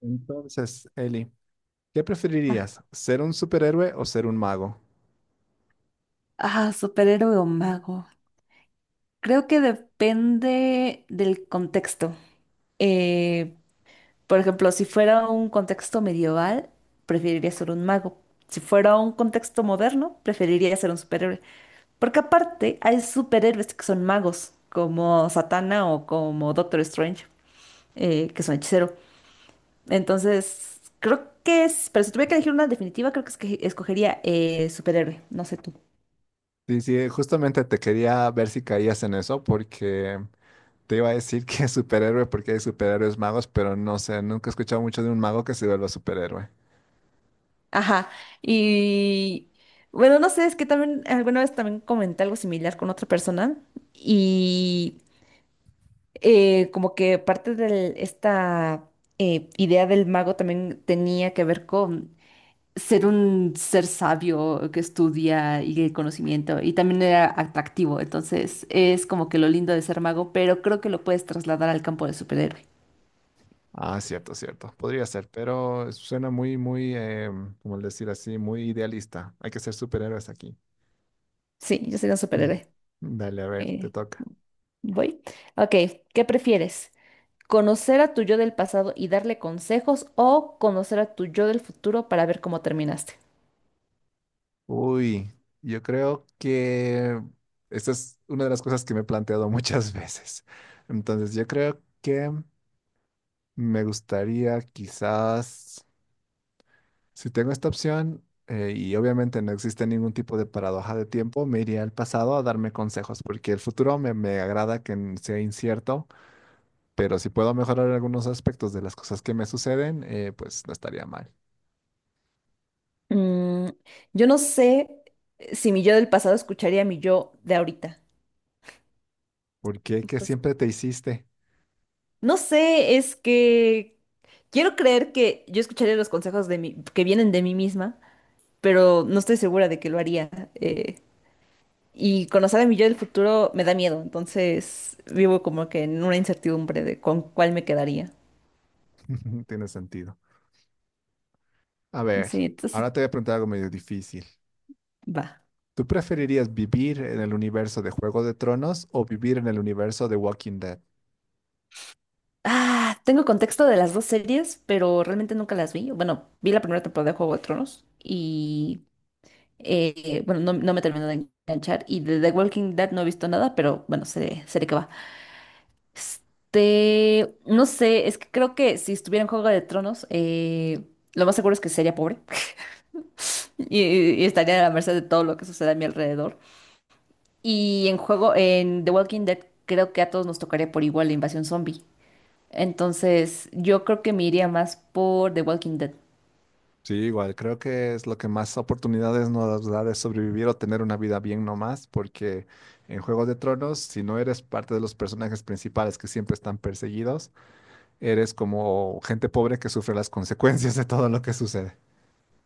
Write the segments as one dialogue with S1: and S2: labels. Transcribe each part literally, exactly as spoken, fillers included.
S1: Entonces, Eli, ¿qué preferirías? ¿Ser un superhéroe o ser un mago?
S2: Ah, superhéroe o mago. Creo que depende del contexto. Eh, por ejemplo, si fuera un contexto medieval, preferiría ser un mago. Si fuera un contexto moderno, preferiría ser un superhéroe. Porque aparte hay superhéroes que son magos, como Satana o como Doctor Strange, eh, que son hechicero. Entonces, creo que es... Pero si tuviera que elegir una definitiva, creo que, es que escogería eh, superhéroe. No sé tú.
S1: Sí, sí, justamente te quería ver si caías en eso porque te iba a decir que es superhéroe porque hay superhéroes magos, pero no sé, nunca he escuchado mucho de un mago que se vuelva superhéroe.
S2: Ajá, y bueno, no sé, es que también alguna vez también comenté algo similar con otra persona y eh, como que parte de esta eh, idea del mago también tenía que ver con ser un ser sabio que estudia y el conocimiento y también era atractivo, entonces es como que lo lindo de ser mago, pero creo que lo puedes trasladar al campo de superhéroe.
S1: Ah, cierto, cierto. Podría ser, pero suena muy, muy, em, como decir así, muy idealista. Hay que ser superhéroes aquí.
S2: Sí, yo soy un superhéroe.
S1: Dale, a ver, te
S2: Eh,
S1: toca.
S2: Voy. Ok, ¿qué prefieres? ¿Conocer a tu yo del pasado y darle consejos o conocer a tu yo del futuro para ver cómo terminaste?
S1: Uy, yo creo que esta es una de las cosas que me he planteado muchas veces. Entonces, yo creo que me gustaría quizás, si tengo esta opción, eh, y obviamente no existe ningún tipo de paradoja de tiempo, me iría al pasado a darme consejos, porque el futuro me, me agrada que n- sea incierto, pero si puedo mejorar algunos aspectos de las cosas que me suceden, eh, pues no estaría mal.
S2: Mm, yo no sé si mi yo del pasado escucharía a mi yo de ahorita.
S1: ¿Porque que
S2: Entonces,
S1: siempre te hiciste?
S2: no sé, es que quiero creer que yo escucharía los consejos de mí, que vienen de mí misma, pero no estoy segura de que lo haría. eh, y conocer a mi yo del futuro me da miedo, entonces vivo como que en una incertidumbre de con cuál me quedaría.
S1: Tiene sentido. A ver,
S2: Sí, entonces
S1: ahora te voy a preguntar algo medio difícil.
S2: va.
S1: ¿Tú preferirías vivir en el universo de Juego de Tronos o vivir en el universo de Walking Dead?
S2: Ah, tengo contexto de las dos series, pero realmente nunca las vi. Bueno, vi la primera temporada de Juego de Tronos y, eh, bueno, no, no me terminó de enganchar. Y de The Walking Dead no he visto nada, pero bueno, sé, sé de qué va. Este, no sé, es que creo que si estuviera en Juego de Tronos, eh, lo más seguro es que sería pobre y, y estaría a la merced de todo lo que suceda a mi alrededor. Y en juego, en The Walking Dead, creo que a todos nos tocaría por igual la invasión zombie. Entonces, yo creo que me iría más por The Walking Dead.
S1: Sí, igual, creo que es lo que más oportunidades nos da de sobrevivir o tener una vida bien nomás, porque en Juego de Tronos, si no eres parte de los personajes principales que siempre están perseguidos, eres como gente pobre que sufre las consecuencias de todo lo que sucede.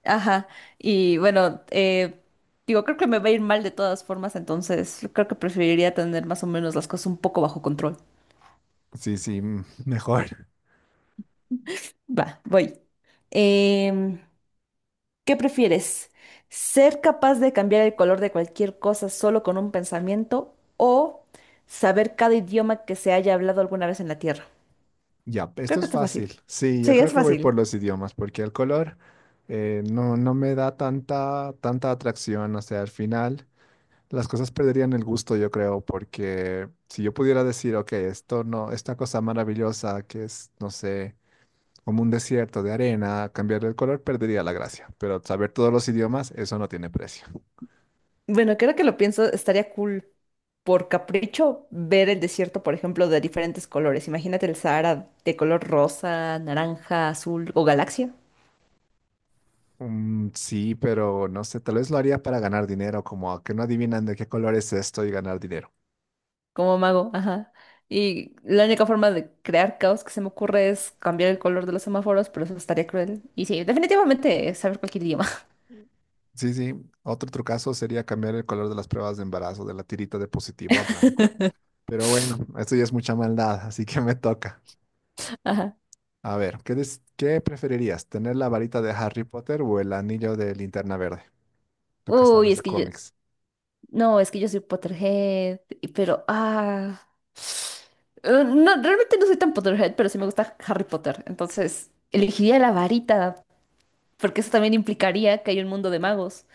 S2: Ajá. Y bueno, eh, digo, creo que me va a ir mal de todas formas, entonces creo que preferiría tener más o menos las cosas un poco bajo control.
S1: Sí, sí, mm, mejor.
S2: Va, voy. Em, ¿Qué prefieres? ¿Ser capaz de cambiar el color de cualquier cosa solo con un pensamiento o saber cada idioma que se haya hablado alguna vez en la Tierra?
S1: Ya,
S2: Creo
S1: esto
S2: que
S1: es
S2: está fácil.
S1: fácil. Sí, yo
S2: Sí,
S1: creo
S2: es
S1: que voy
S2: fácil.
S1: por los idiomas, porque el color eh, no, no me da tanta, tanta atracción. O sea, al final las cosas perderían el gusto, yo creo, porque si yo pudiera decir, ok, esto no, esta cosa maravillosa que es, no sé, como un desierto de arena, cambiarle el color perdería la gracia. Pero saber todos los idiomas, eso no tiene precio.
S2: Bueno, creo que lo pienso, estaría cool. Por capricho ver el desierto, por ejemplo, de diferentes colores. Imagínate el Sahara de color rosa, naranja, azul o galaxia,
S1: Mm, sí, pero no sé, tal vez lo haría para ganar dinero, como a que no adivinan de qué color es esto y ganar dinero.
S2: como mago, ajá. Y la única forma de crear caos que se me ocurre es cambiar el color de los semáforos, pero eso estaría cruel. Y sí, definitivamente saber cualquier idioma.
S1: Sí, sí. Otro trucazo sería cambiar el color de las pruebas de embarazo, de la tirita de positivo a blanco. Pero bueno, esto ya es mucha maldad, así que me toca.
S2: Ajá.
S1: A ver, ¿qué, des- ¿qué preferirías? ¿Tener la varita de Harry Potter o el anillo de Linterna Verde? Tú que
S2: Uy,
S1: sabes
S2: es
S1: de
S2: que yo,
S1: cómics.
S2: no, es que yo soy Potterhead, y- pero, ah, eh, no, realmente no soy tan Potterhead, pero sí me gusta Harry Potter, entonces elegiría la varita porque eso también implicaría que hay un mundo de magos.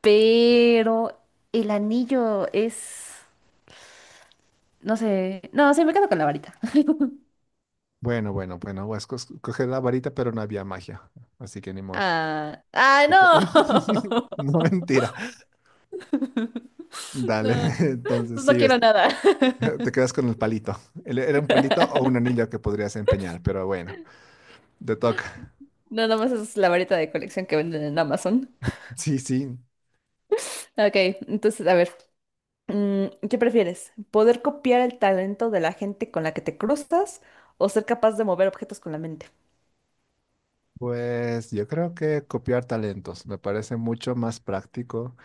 S2: Pero el anillo es... No sé. No, sí, me quedo con la varita.
S1: Bueno, bueno, bueno, pues cos- coger la varita, pero no había magia, así que ni modo.
S2: Ah, ah, no.
S1: No, mentira. Dale,
S2: No,
S1: entonces
S2: pues no
S1: sí,
S2: quiero
S1: es-
S2: nada.
S1: te quedas con el palito. El- Era un palito o un anillo que podrías empeñar, pero bueno, te toca.
S2: No, nada más es la varita de colección que venden en Amazon.
S1: Sí, sí.
S2: Ok, entonces, a ver. Mm, ¿qué prefieres? ¿Poder copiar el talento de la gente con la que te cruzas o ser capaz de mover objetos con la mente?
S1: Pues yo creo que copiar talentos me parece mucho más práctico.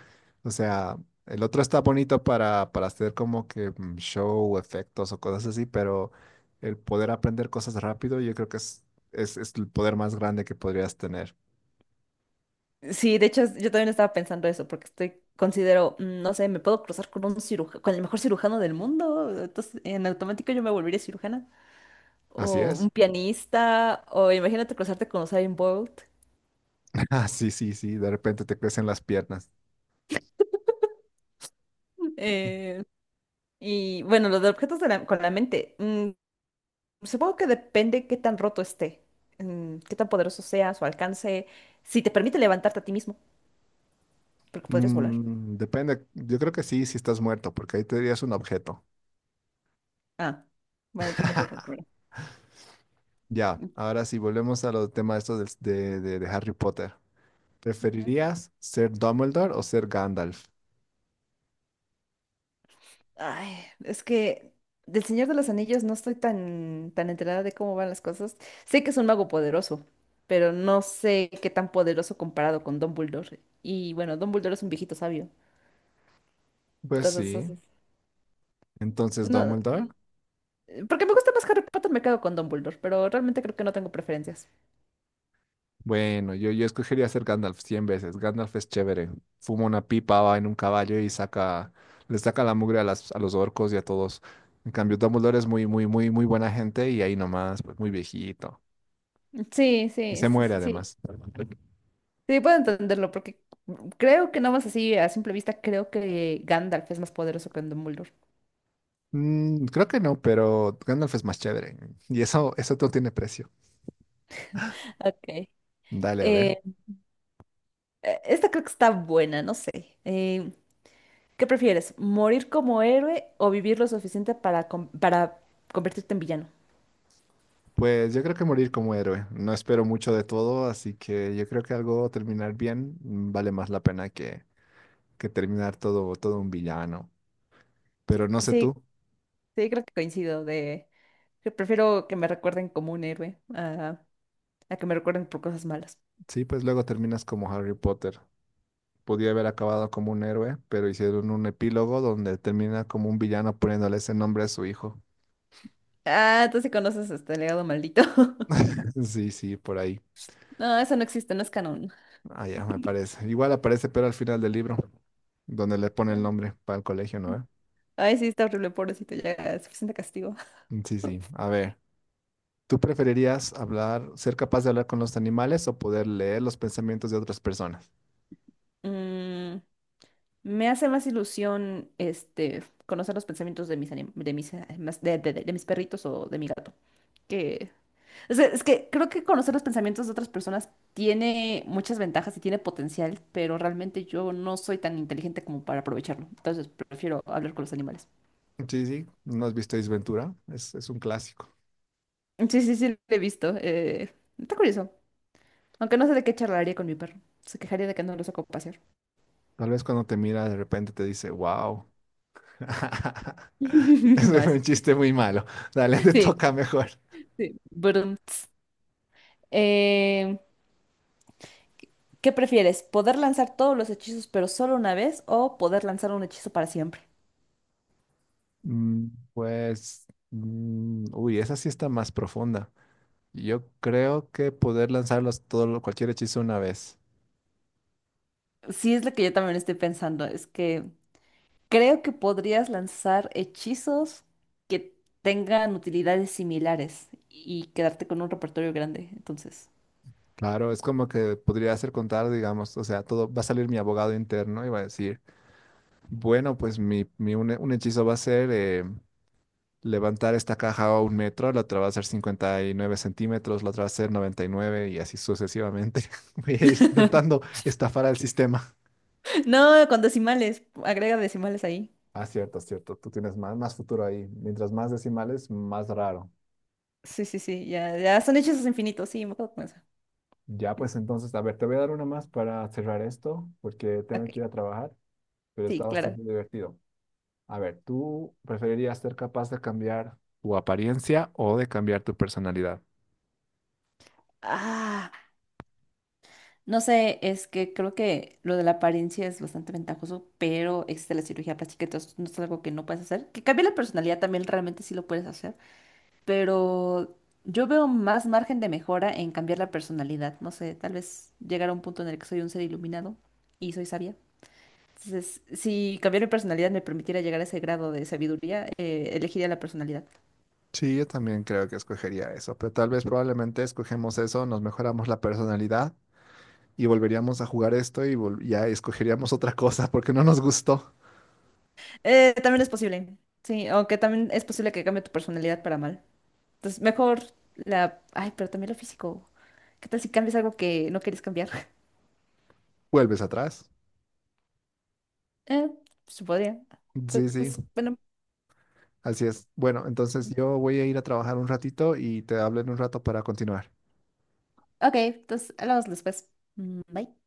S1: O sea, el otro está bonito para, para hacer como que mm, show, efectos o cosas así, pero el poder aprender cosas rápido, yo creo que es, es, es el poder más grande que podrías tener.
S2: Sí, de hecho, yo también estaba pensando eso, porque estoy, considero, mm, no sé, me puedo cruzar con un cirujano, con el mejor cirujano del mundo, entonces en automático yo me volvería cirujana.
S1: Así
S2: O un
S1: es.
S2: pianista, o imagínate cruzarte con Usain Bolt.
S1: Ah, sí, sí, sí. De repente te crecen las piernas.
S2: Eh, y bueno, los de objetos de la- con la mente, mm, supongo que depende qué tan roto esté, mm, qué tan poderoso sea, su alcance, si te permite levantarte a ti mismo, porque podrías volar.
S1: Mm, depende. Yo creo que sí, si estás muerto, porque ahí te dirías un objeto.
S2: Ah, bueno, entonces me quedo con la
S1: Ya, ahora sí, volvemos a los temas estos del- de, de de Harry Potter.
S2: primera.
S1: ¿Preferirías ser Dumbledore o ser Gandalf?
S2: Ay, es que del Señor de los Anillos no estoy tan, tan enterada de cómo van las cosas. Sé que es un mago poderoso, pero no sé qué tan poderoso comparado con Dumbledore. Y bueno, Dumbledore es un viejito sabio.
S1: Pues
S2: Entonces,
S1: sí. Entonces,
S2: no,
S1: Dumbledore.
S2: eh, porque me gusta más Harry Potter, me quedo con Dumbledore, pero realmente creo que no tengo preferencias.
S1: Bueno, yo, yo escogería ser Gandalf cien veces. Gandalf es chévere. Fuma una pipa, va en un caballo y saca, le saca la mugre a, las, a los orcos y a todos. En cambio, Dumbledore es muy, muy, muy, muy buena gente y ahí nomás, pues muy viejito.
S2: Sí,
S1: Y
S2: sí,
S1: se
S2: sí,
S1: muere
S2: sí. Sí,
S1: además.
S2: sí, puedo entenderlo, porque creo que no más así a simple vista, creo que Gandalf es más poderoso que Dumbledore.
S1: Mm, creo que no, pero Gandalf es más chévere. Y eso, eso no tiene precio.
S2: Ok.
S1: Dale, a ver.
S2: Eh, eh, esta creo que está buena, no sé. Eh, ¿Qué prefieres? ¿Morir como héroe o vivir lo suficiente para, com- para convertirte en villano?
S1: Pues yo creo que morir como héroe. No espero mucho de todo, así que yo creo que algo terminar bien mm, vale más la pena que, que terminar todo, todo un villano. Pero no sé
S2: Sí,
S1: tú.
S2: sí, creo que coincido de que prefiero que me recuerden como un héroe a, a que me recuerden por cosas malas.
S1: Sí, pues luego terminas como Harry Potter. Podía haber acabado como un héroe, pero hicieron un epílogo donde termina como un villano poniéndole ese nombre a su hijo.
S2: Ah, tú sí conoces este legado maldito.
S1: Sí, sí, por ahí.
S2: No, eso no existe, no es canon.
S1: Ah, ya, me parece. Igual aparece, pero al final del libro, donde le pone el nombre para el colegio, ¿no? ¿Eh?
S2: Ay, sí, está horrible, pobrecito, ya es suficiente castigo.
S1: Sí, sí. A ver. ¿Tú preferirías hablar, ser capaz de hablar con los animales o poder leer los pensamientos de otras personas?
S2: Mm, me hace más ilusión este conocer los pensamientos de mis anim- de mis, eh, más- de, de- de- de mis perritos o de mi gato. Que es, que, es que creo que conocer los pensamientos de otras personas tiene muchas ventajas y tiene potencial, pero realmente yo no soy tan inteligente como para aprovecharlo. Entonces prefiero hablar con los animales.
S1: Sí, sí, ¿no has visto Ace Ventura? Es, es un clásico.
S2: Sí, sí, sí, lo he visto. Eh, está curioso. Aunque no sé de qué charlaría con mi perro. Se quejaría de que no lo saco a pasear.
S1: Tal vez cuando te mira de repente te dice, wow.
S2: No
S1: Ese fue
S2: es.
S1: un chiste muy malo. Dale, te
S2: Sí,
S1: toca mejor.
S2: sí. Brum, ts. Eh, ¿Qué prefieres? ¿Poder lanzar todos los hechizos, pero solo una vez, o poder lanzar un hechizo para siempre?
S1: Mm, pues, mm, uy, esa sí está más profunda. Yo creo que poder lanzarlos todo, lo- cualquier hechizo una vez.
S2: Sí, es lo que yo también estoy pensando. Es que creo que podrías lanzar hechizos que tengan utilidades similares y quedarte con un repertorio grande, entonces.
S1: Claro, es como que podría hacer contar, digamos, o sea, todo va a salir mi abogado interno y va a decir, bueno, pues mi, mi un, un hechizo va a ser eh, levantar esta caja a un metro, la otra va a ser cincuenta y nueve centímetros, la otra va a ser noventa y nueve y nueve y así sucesivamente. Voy a ir intentando estafar al sistema.
S2: No, con decimales, agrega decimales ahí.
S1: Ah, cierto, cierto. Tú tienes más, más futuro ahí. Mientras más decimales, más raro.
S2: Sí, sí, sí, ya, ya son hechizos infinitos, sí, me acuerdo con eso.
S1: Ya, pues entonces, a ver, te voy a dar una más para cerrar esto, porque
S2: Ok,
S1: tengo que ir a trabajar, pero está
S2: sí, claro.
S1: bastante divertido. A ver, ¿tú preferirías ser capaz de cambiar tu apariencia o de cambiar tu personalidad?
S2: Ah, no sé, es que creo que lo de la apariencia es bastante ventajoso, pero existe la cirugía plástica, entonces no es algo que no puedes hacer. Que cambie la personalidad también realmente sí lo puedes hacer. Pero yo veo más margen de mejora en cambiar la personalidad. No sé, tal vez llegar a un punto en el que soy un ser iluminado y soy sabia. Entonces, si cambiar mi personalidad me permitiera llegar a ese grado de sabiduría, eh, elegiría la personalidad.
S1: Sí, yo también creo que escogería eso, pero tal vez probablemente escogemos eso, nos mejoramos la personalidad y volveríamos a jugar esto y vol- ya escogeríamos otra cosa porque no nos gustó.
S2: Eh, también es posible, sí, aunque también es posible que cambie tu personalidad para mal. Entonces, mejor la... Ay, pero también lo físico. ¿Qué tal si cambias algo que no quieres cambiar?
S1: Vuelves atrás.
S2: Eh, pues, se podría.
S1: Sí, sí,
S2: Entonces, bueno,
S1: así es. Bueno, entonces yo voy a ir a trabajar un ratito y te hablo en un rato para continuar.
S2: ok, entonces hablamos después. Mm, bye.